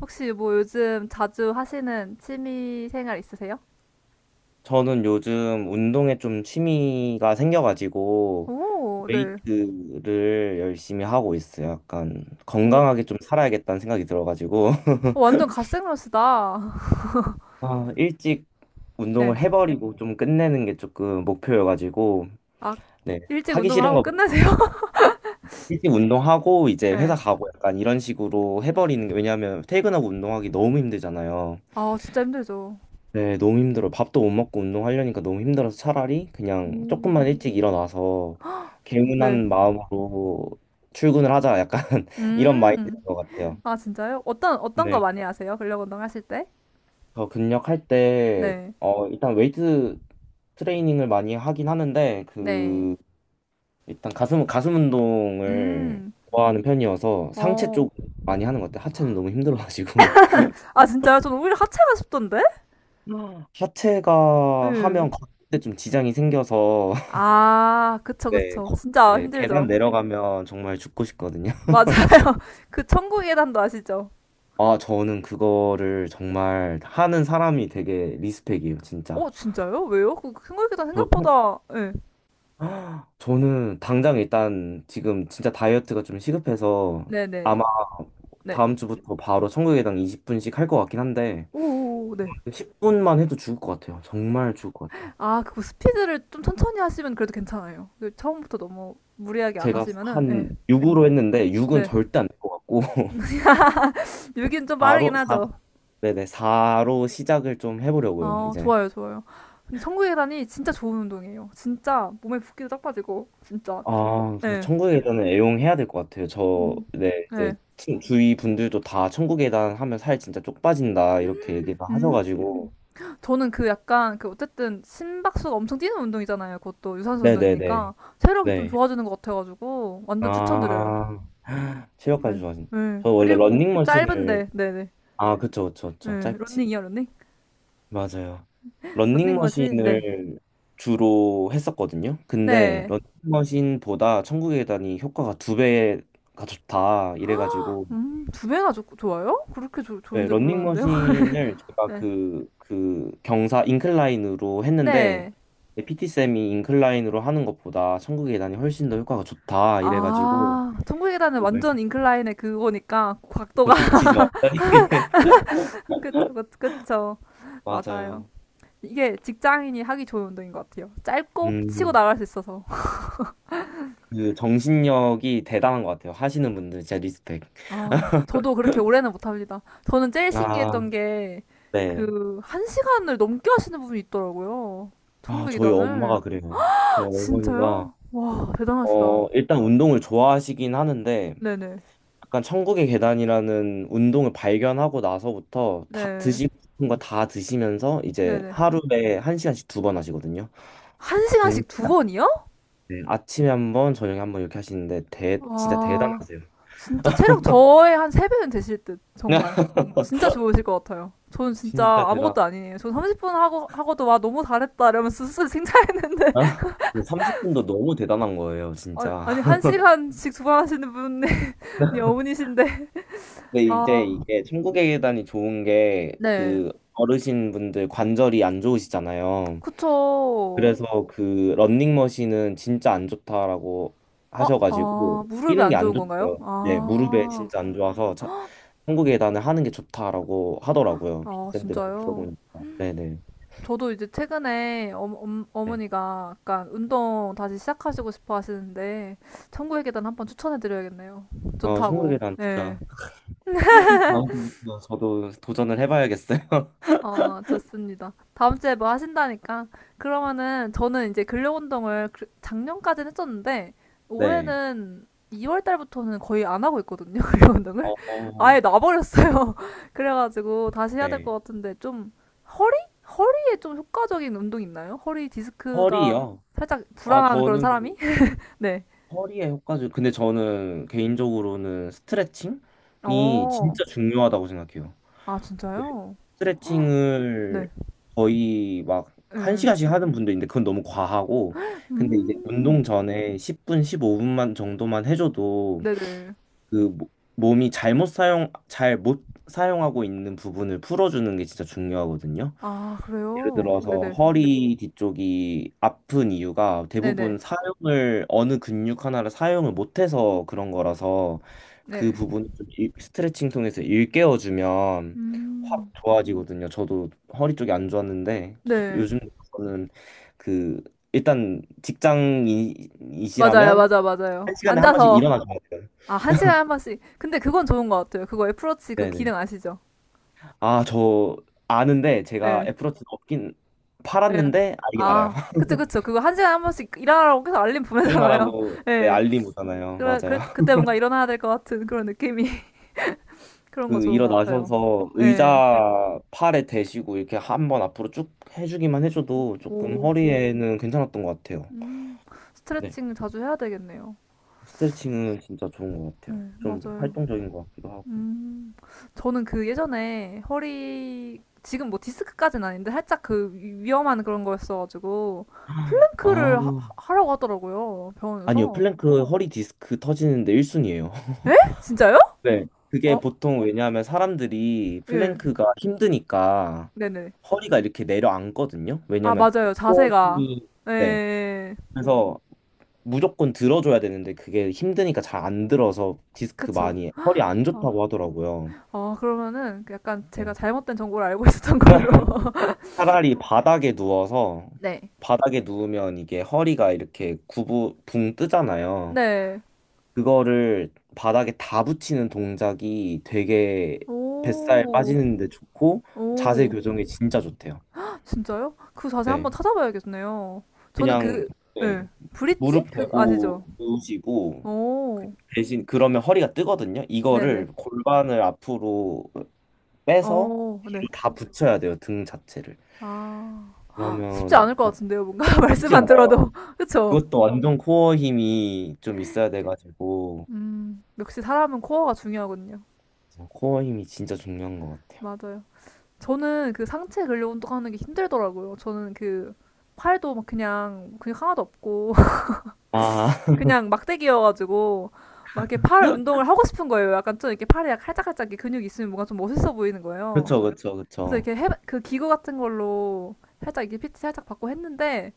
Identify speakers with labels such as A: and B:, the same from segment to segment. A: 혹시 뭐 요즘 자주 하시는 취미 생활 있으세요?
B: 저는 요즘 운동에 좀 취미가 생겨가지고
A: 오, 네.
B: 웨이트를 열심히 하고 있어요. 약간
A: 오,
B: 건강하게 좀 살아야겠다는 생각이 들어가지고
A: 어, 완전 갓생러시다.
B: 아, 일찍 운동을
A: 네.
B: 해버리고 좀 끝내는 게 조금 목표여가지고.
A: 아,
B: 네.
A: 일찍
B: 하기
A: 운동을
B: 싫은
A: 하고
B: 것부터
A: 끝내세요?
B: 일찍 운동하고 이제 회사
A: 네.
B: 가고 약간 이런 식으로 해버리는 게, 왜냐하면 퇴근하고 운동하기 너무 힘들잖아요.
A: 아, 진짜 힘들죠.
B: 네, 너무 힘들어. 밥도 못 먹고 운동하려니까 너무 힘들어서 차라리 그냥 조금만 일찍 일어나서
A: 네.
B: 개운한 마음으로 출근을 하자. 약간 이런 마인드인
A: 음.
B: 것 같아요.
A: 아, 진짜요? 어떤 거
B: 네.
A: 많이 하세요? 근력 운동 하실 때?
B: 저 근력할 때,
A: 네.
B: 일단 웨이트 트레이닝을 많이 하긴 하는데,
A: 네.
B: 일단 가슴, 가슴 운동을
A: 음.
B: 좋아하는 편이어서 상체
A: 어.
B: 쪽 많이 하는 것 같아요. 하체는 너무 힘들어가지고.
A: 아, 진짜요? 저는 오히려 하체가 쉽던데?
B: 하체가
A: 네.
B: 하면 걷을 때 좀 지장이 생겨서.
A: 아, 그쵸,
B: 네,
A: 그쵸. 진짜
B: 네, 계단
A: 힘들죠.
B: 내려가면 정말 죽고 싶거든요.
A: 맞아요. 그 천국의 계단도 아시죠?
B: 아, 저는 그거를 정말 하는 사람이 되게 리스펙이에요, 진짜.
A: 어, 진짜요? 왜요? 그 생각보다
B: 저, 통-
A: 생각보다 예.
B: 저는 당장 일단 지금 진짜 다이어트가 좀 시급해서
A: 네, 네.
B: 아마
A: 네.
B: 다음 주부터 바로 청구계단 20분씩 할 것 같긴 한데,
A: 오오오 네.
B: 10분만 해도 죽을 것 같아요. 정말 죽을 것 같아요.
A: 아, 그거 스피드를 좀 천천히 하시면 그래도 괜찮아요. 그 처음부터 너무 무리하게 안
B: 제가
A: 하시면은
B: 한
A: 예.
B: 6으로 했는데 6은
A: 네.
B: 절대 안 될 것 같고.
A: 여긴 좀 빠르긴
B: 4로 4,
A: 하죠.
B: 네네, 4로 시작을 좀 해보려고요,
A: 아,
B: 이제.
A: 좋아요, 좋아요. 근데 천국의 계단이 진짜 좋은 운동이에요. 진짜 몸에 붓기도 딱 빠지고 진짜.
B: 아,
A: 예.
B: 천국의 계단은 애용해야 될 것 같아요. 저,
A: 음.
B: 네, 이제
A: 예.
B: 주위 분들도 다 천국의 계단 하면 살 진짜 쪽 빠진다 이렇게 얘기를
A: 음.
B: 하셔가지고,
A: 저는 그 약간 그 어쨌든 심박수가 엄청 뛰는 운동이잖아요. 그것도 유산소
B: 네, 네,
A: 운동이니까
B: 네,
A: 체력이 좀
B: 네.
A: 좋아지는 것 같아가지고 완전 추천드려요.
B: 아, 체력까지
A: 네.
B: 좋아진.
A: 네.
B: 저 원래
A: 그리고
B: 런닝머신을.
A: 짧은데. 네네.
B: 아, 그쵸, 그쵸, 그쵸.
A: 네.
B: 짧지.
A: 런닝이요, 런닝?
B: 맞아요.
A: 런닝머신. 네.
B: 런닝머신을 주로 했었거든요. 근데
A: 네.
B: 런닝머신보다 천국의 계단이 효과가 두 배가 좋다 이래가지고.
A: 두 배나 좋아요? 그렇게 좋 좋은
B: 네,
A: 줄 몰랐는데요.
B: 런닝머신을 제가
A: 네.
B: 그 경사 인클라인으로 했는데
A: 네.
B: PT쌤이 인클라인으로 하는 것보다 천국의 계단이 훨씬 더 효과가 좋다 이래가지고.
A: 아, 천국의 계단은
B: 좀
A: 완전
B: 열심히-
A: 인클라인의 그거니까
B: 좀
A: 각도가
B: 극치죠.
A: 그쵸, 그쵸, 그쵸. 맞아요.
B: 맞아요.
A: 이게 직장인이 하기 좋은 운동인 것 같아요. 짧고 치고
B: 음,
A: 나갈 수 있어서.
B: 그 정신력이 대단한 것 같아요. 하시는 분들 진짜 리스펙.
A: 아, 저도 그렇게 오래는 못합니다. 저는 제일 신기했던
B: 아,
A: 게,
B: 네.
A: 그, 한 시간을 넘게 하시는 분이 있더라고요.
B: 아, 저희 엄마가
A: 천국이단을.
B: 그래요. 저희 어머니가
A: 진짜요? 와, 대단하시다.
B: 일단 운동을 좋아하시긴 하는데
A: 네네.
B: 약간 천국의 계단이라는 운동을 발견하고 나서부터 다
A: 네.
B: 드시고 싶은 거 다 드시면서 이제
A: 네네.
B: 하루에 1시간씩 2번 하시거든요.
A: 한
B: 정,
A: 시간씩 두 번이요?
B: 네, 아침에 1번, 저녁에 1번 이렇게 하시는데 진짜
A: 와,
B: 대단하세요.
A: 진짜 체력 저의 한 세 배는 되실 듯. 정말. 진짜 좋으실 것 같아요. 저는
B: 진짜
A: 진짜
B: 대단.
A: 아무것도 아니에요. 저 30분 하고, 하고도 와, 너무 잘했다. 이러면서 스스로 칭찬했는데.
B: 아, 30분도 너무 대단한 거예요,
A: 아니,
B: 진짜.
A: 아니, 한 시간씩 두 번 하시는 분이 어머니신데.
B: 근데 이제
A: 아,
B: 이게 천국의 계단이 좋은 게
A: 네.
B: 그 어르신분들 관절이 안 좋으시잖아요.
A: 그쵸.
B: 그래서 그 런닝머신은 진짜 안 좋다라고
A: 아,
B: 하셔가지고
A: 아, 무릎에
B: 뛰는 게
A: 안
B: 안
A: 좋은 건가요?
B: 좋대요. 네, 무릎에
A: 아,
B: 진짜 안 좋아서 천국 계단을 하는 게 좋다라고 하더라고요.
A: 아,
B: 피트샌드 많이
A: 진짜요?
B: 들어보니까. 네네.
A: 저도 이제 최근에
B: 네.
A: 어머니가 약간 운동 다시 시작하시고 싶어 하시는데, 천국의 계단 한번 추천해 드려야겠네요.
B: 어, 천국
A: 좋다고.
B: 계단
A: 네.
B: 진짜 다음부터 저도 도전을 해봐야겠어요.
A: 어, 좋습니다. 다음 주에 뭐 하신다니까. 그러면은 저는 이제 근력 운동을 그- 작년까지는 했었는데
B: 네.
A: 올해는 2월 달부터는 거의 안 하고 있거든요. 근력
B: 어,
A: 운동을
B: 어,
A: 아예 놔버렸어요. 그래가지고 다시 해야 될 것
B: 네.
A: 같은데 좀 허리? 허리에 좀 효과적인 운동 있나요? 허리 디스크가
B: 허리요.
A: 살짝
B: 아,
A: 불안한 그런
B: 저는
A: 사람이? 네.
B: 허리에 효과주. 근데 저는 개인적으로는 스트레칭이
A: 어.
B: 진짜 중요하다고 생각해요.
A: 아, 진짜요? 네.
B: 스트레칭을 거의 막 한 시
A: 네.
B: 간씩 하는 분도 있는데 그건 너무 과하고, 근데 이제
A: 음.
B: 운동 전에 10분, 15분만 정도만 해줘도
A: 네네.
B: 그 모- 몸이 잘못 사용, 잘 못 사용하고 있는 부분을 풀어주는 게 진짜 중요하거든요.
A: 아,
B: 예를
A: 그래요?
B: 들어서
A: 네네.
B: 허리 뒤쪽이 아픈 이유가
A: 네네.
B: 대부분 사용을 어느 근육 하나를 사용을 못해서 그런 거라서 그
A: 네.
B: 부분을 스트레칭 통해서 일깨워주면 확
A: 음.
B: 좋아지거든요. 저도 허리 쪽이 안 좋았는데
A: 네.
B: 요즘 저는 그 일단
A: 맞아요,
B: 직장인이시라면
A: 맞아, 맞아요.
B: 1시간에 1번씩
A: 앉아서,
B: 일어나줘야 돼요.
A: 아, 한 시간에 한 번씩. 근데 그건 좋은 것 같아요. 그거 애플워치 그
B: 네네.
A: 기능 아시죠?
B: 아, 저 아는데 제가
A: 예,
B: 애플워치는 없긴
A: 예.
B: 팔았는데 알긴 알아요.
A: 아, 그쵸, 그쵸. 그거 한 시간에 한 번씩 일어나라고 계속 알림 보내잖아요.
B: 일어나라고 네,
A: 예.
B: 알림 오잖아요.
A: 그래,
B: 맞아요.
A: 그, 그때 뭔가 일어나야 될 것 같은 그런 느낌이. 그런 거
B: 그
A: 좋은 것 같아요.
B: 일어나셔서
A: 예.
B: 의자 팔에 대시고 이렇게 한번 앞으로 쭉 해주기만
A: 오,
B: 해줘도 조금
A: 오.
B: 허리에는 괜찮았던 것 같아요.
A: 음.
B: 네.
A: 스트레칭 자주 해야 되겠네요.
B: 스트레칭은 진짜 좋은 것 같아요.
A: 네
B: 좀
A: 맞아요.
B: 활동적인 것 같기도 하고.
A: 음, 저는 그 예전에 허리, 지금 뭐 디스크까지는 아닌데 살짝 그 위험한 그런 거였어가지고,
B: 아,
A: 플랭크를 하라고 하더라고요,
B: 아니요.
A: 병원에서.
B: 플랭크 허리 디스크 터지는데 1순위예요.
A: 에? 진짜요?
B: 네. 그게
A: 어,
B: 보통 왜냐하면 사람들이
A: 예.
B: 플랭크가 힘드니까
A: 네네.
B: 허리가 이렇게 내려앉거든요.
A: 아,
B: 왜냐하면
A: 맞아요. 자세가.
B: 복원이.
A: 예,
B: 네.
A: 예, 예.
B: 그래서 무조건 들어줘야 되는데 그게 힘드니까 잘 안 들어서 디스크
A: 그쵸.
B: 많이 허리 안
A: 어,
B: 좋다고 하더라고요.
A: 어, 그러면은 그 약간 제가
B: 네.
A: 잘못된 정보를 알고 있었던 걸로.
B: 차라리 바닥에 누워서
A: 네.
B: 바닥에 누우면 이게 허리가 이렇게 구부 붕 뜨잖아요.
A: 네.
B: 그거를 바닥에 다 붙이는 동작이 되게 뱃살
A: 오,
B: 빠지는데 좋고 자세
A: 오.
B: 교정에 진짜 좋대요.
A: 진짜요? 그 자세
B: 네.
A: 한번 찾아봐야겠네요. 저는
B: 그냥.
A: 그, 예.
B: 네.
A: 브릿지?
B: 무릎
A: 그,
B: 대고
A: 아시죠?
B: 누우시고
A: 오,
B: 대신 그러면 허리가 뜨거든요.
A: 네네.
B: 이거를 골반을 앞으로 빼서
A: 어,
B: 뒤로
A: 네.
B: 다 붙여야 돼요, 등 자체를.
A: 아, 쉽지
B: 그러면
A: 않을 것
B: 약-
A: 같은데요, 뭔가.
B: 쉽지
A: 말씀만 들어도.
B: 않아요.
A: 그쵸?
B: 그것도 완전 코어 힘이 좀 있어야 돼가지고.
A: 역시 사람은 코어가 중요하거든요.
B: 코어 힘이 진짜 중요한 것 같아요.
A: 맞아요. 저는 그 상체 근력 운동하는 게 힘들더라고요. 저는 그, 팔도 막 그냥, 근육 하나도 없고,
B: 아,
A: 그냥 막대기여가지고, 막 이렇게 팔 운동을 하고 싶은 거예요. 약간 좀 이렇게 팔에 칼짝칼짝 이렇게 근육이 있으면 뭔가 좀 멋있어 보이는 거예요.
B: 그쵸, 그쵸,
A: 그래서
B: 그쵸.
A: 이렇게 해, 그 기구 같은 걸로 살짝 이게 피 t 살짝 받고 했는데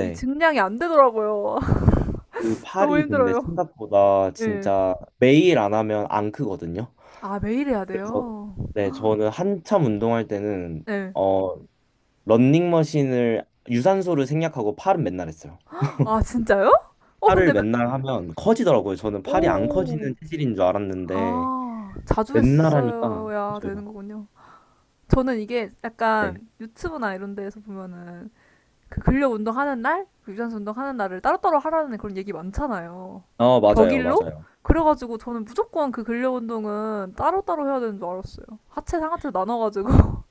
A: 이 증량이 안 되더라고요.
B: 그
A: 너무
B: 팔이 근데
A: 힘들어요.
B: 생각보다
A: 네.
B: 진짜 매일 안 하면 안 크거든요.
A: 아, 매일 해야
B: 그래서
A: 돼요.
B: 네, 저는 한참 운동할 때는
A: 네.
B: 어 런닝머신을 유산소를 생략하고 팔은 맨날 했어요.
A: 아, 진짜요? 어, 근데
B: 팔을 맨날 하면 커지더라고요. 저는 팔이 안
A: 오. 오.
B: 커지는 체질인 줄 알았는데
A: 아, 자주
B: 맨날 하니까
A: 했어야 되는
B: 커져요.
A: 거군요. 저는 이게
B: 네.
A: 약간 유튜브나 이런 데에서 보면은 그 근력 운동하는 날, 그 유산소 운동하는 날을 따로따로 하라는 그런 얘기 많잖아요.
B: 어, 맞아요.
A: 격일로?
B: 맞아요.
A: 그래가지고 저는 무조건 그 근력 운동은 따로따로 해야 되는 줄 알았어요. 하체, 상하체 나눠가지고.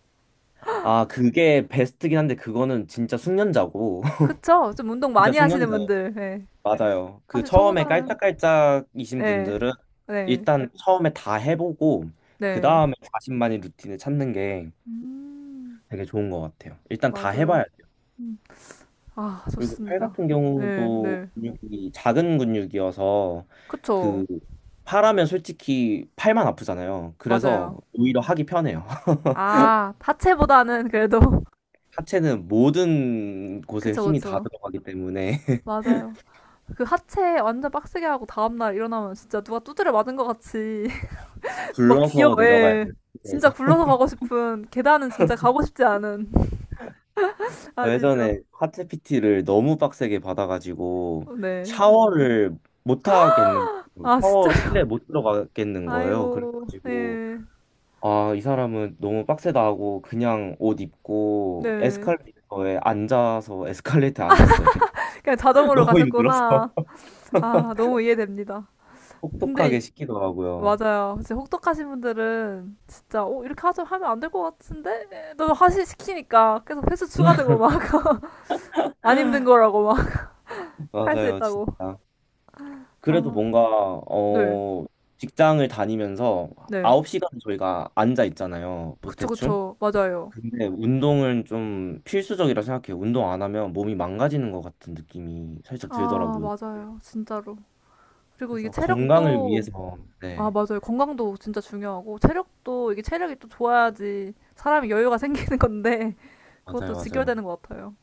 B: 아, 그게 베스트긴 한데 그거는 진짜 숙련자고.
A: 그쵸? 좀 운동
B: 진짜
A: 많이 하시는
B: 숙련자예요.
A: 분들. 예.
B: 맞아요. 그
A: 사실
B: 처음에
A: 저보다는.
B: 깔짝깔짝이신
A: 네.
B: 분들은
A: 네.
B: 일단 처음에 다 해보고 그
A: 네.
B: 다음에 자신만의 루틴을 찾는 게
A: 음,
B: 되게 좋은 것 같아요. 일단 다
A: 맞아요.
B: 해봐야.
A: 음. 아,
B: 그리고 팔
A: 좋습니다.
B: 같은
A: 네,
B: 경우도
A: 네.
B: 근육이 작은 근육이어서
A: 그쵸.
B: 그 팔하면 솔직히 팔만 아프잖아요. 그래서
A: 맞아요.
B: 오히려 하기 편해요.
A: 아, 하체보다는 그래도.
B: 하체는 모든 곳에
A: 그쵸,
B: 힘이 다
A: 그쵸.
B: 들어가기 때문에
A: 맞아요. 그 하체 완전 빡세게 하고 다음날 일어나면 진짜 누가 두드려 맞은 것 같이 막 기어,
B: 굴러서 내려가야
A: 예.
B: 돼요.
A: 진짜
B: 그래서
A: 굴러서 가고 싶은, 계단은 진짜 가고 싶지 않은. 아시죠?
B: 예전에 하체 PT를 너무 빡세게 받아가지고
A: 네.
B: 샤워를 못 하겠는,
A: 아, 진짜.
B: 샤워 실내 못 들어가겠는 거예요.
A: 아이고,
B: 그래가지고
A: 예.
B: 아, 이 사람은 너무 빡세다 하고 그냥 옷 입고
A: 네.
B: 에스컬레이터에 앉아서 에스컬레이터에 앉았어요. 그냥
A: 그냥 자동으로
B: 너무 힘들어서.
A: 가셨구나. 아, 너무 이해됩니다.
B: 혹독하게
A: 근데,
B: 시키더라고요.
A: 맞아요. 진짜 혹독하신 분들은 진짜, 어, 이렇게 하자 하면 안 될 것 같은데? 너무 하시 시키니까 계속 횟수 추가되고 막. 안 힘든 거라고 막 할 수
B: 맞아요,
A: 있다고.
B: 진짜. 그래도
A: 아,
B: 뭔가
A: 네.
B: 어 직장을 다니면서
A: 네.
B: 9시간 저희가 앉아 있잖아요. 뭐
A: 그쵸,
B: 대충.
A: 그쵸. 맞아요.
B: 근데 운동은 좀 필수적이라 생각해요. 운동 안 하면 몸이 망가지는 것 같은 느낌이 살짝
A: 아,
B: 들더라고요.
A: 맞아요. 진짜로. 그리고 이게
B: 그래서 건강을
A: 체력도,
B: 위해서
A: 아,
B: 네,
A: 맞아요. 건강도 진짜 중요하고, 체력도, 이게 체력이 또 좋아야지 사람이 여유가 생기는 건데,
B: 맞아요,
A: 그것도 직결
B: 맞아요.
A: 되는 것 같아요.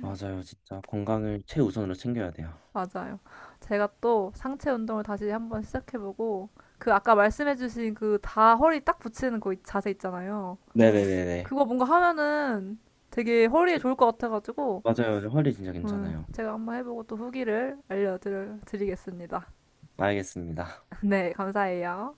B: 맞아요. 진짜 건강을 최우선으로 챙겨야 돼요.
A: 맞아요. 제가 또 상체 운동을 다시 한번 시작해보고, 그 아까 말씀해주신 그 다 허리 딱 붙이는 그 자세 있잖아요.
B: 네네네네.
A: 그거 뭔가 하면은 되게 허리에 좋을 것 같아가지고,
B: 맞아요. 허리 진짜 괜찮아요.
A: 제가 한번 해보고 또 후기를 알려드리겠습니다.
B: 알겠습니다.
A: 네, 감사해요.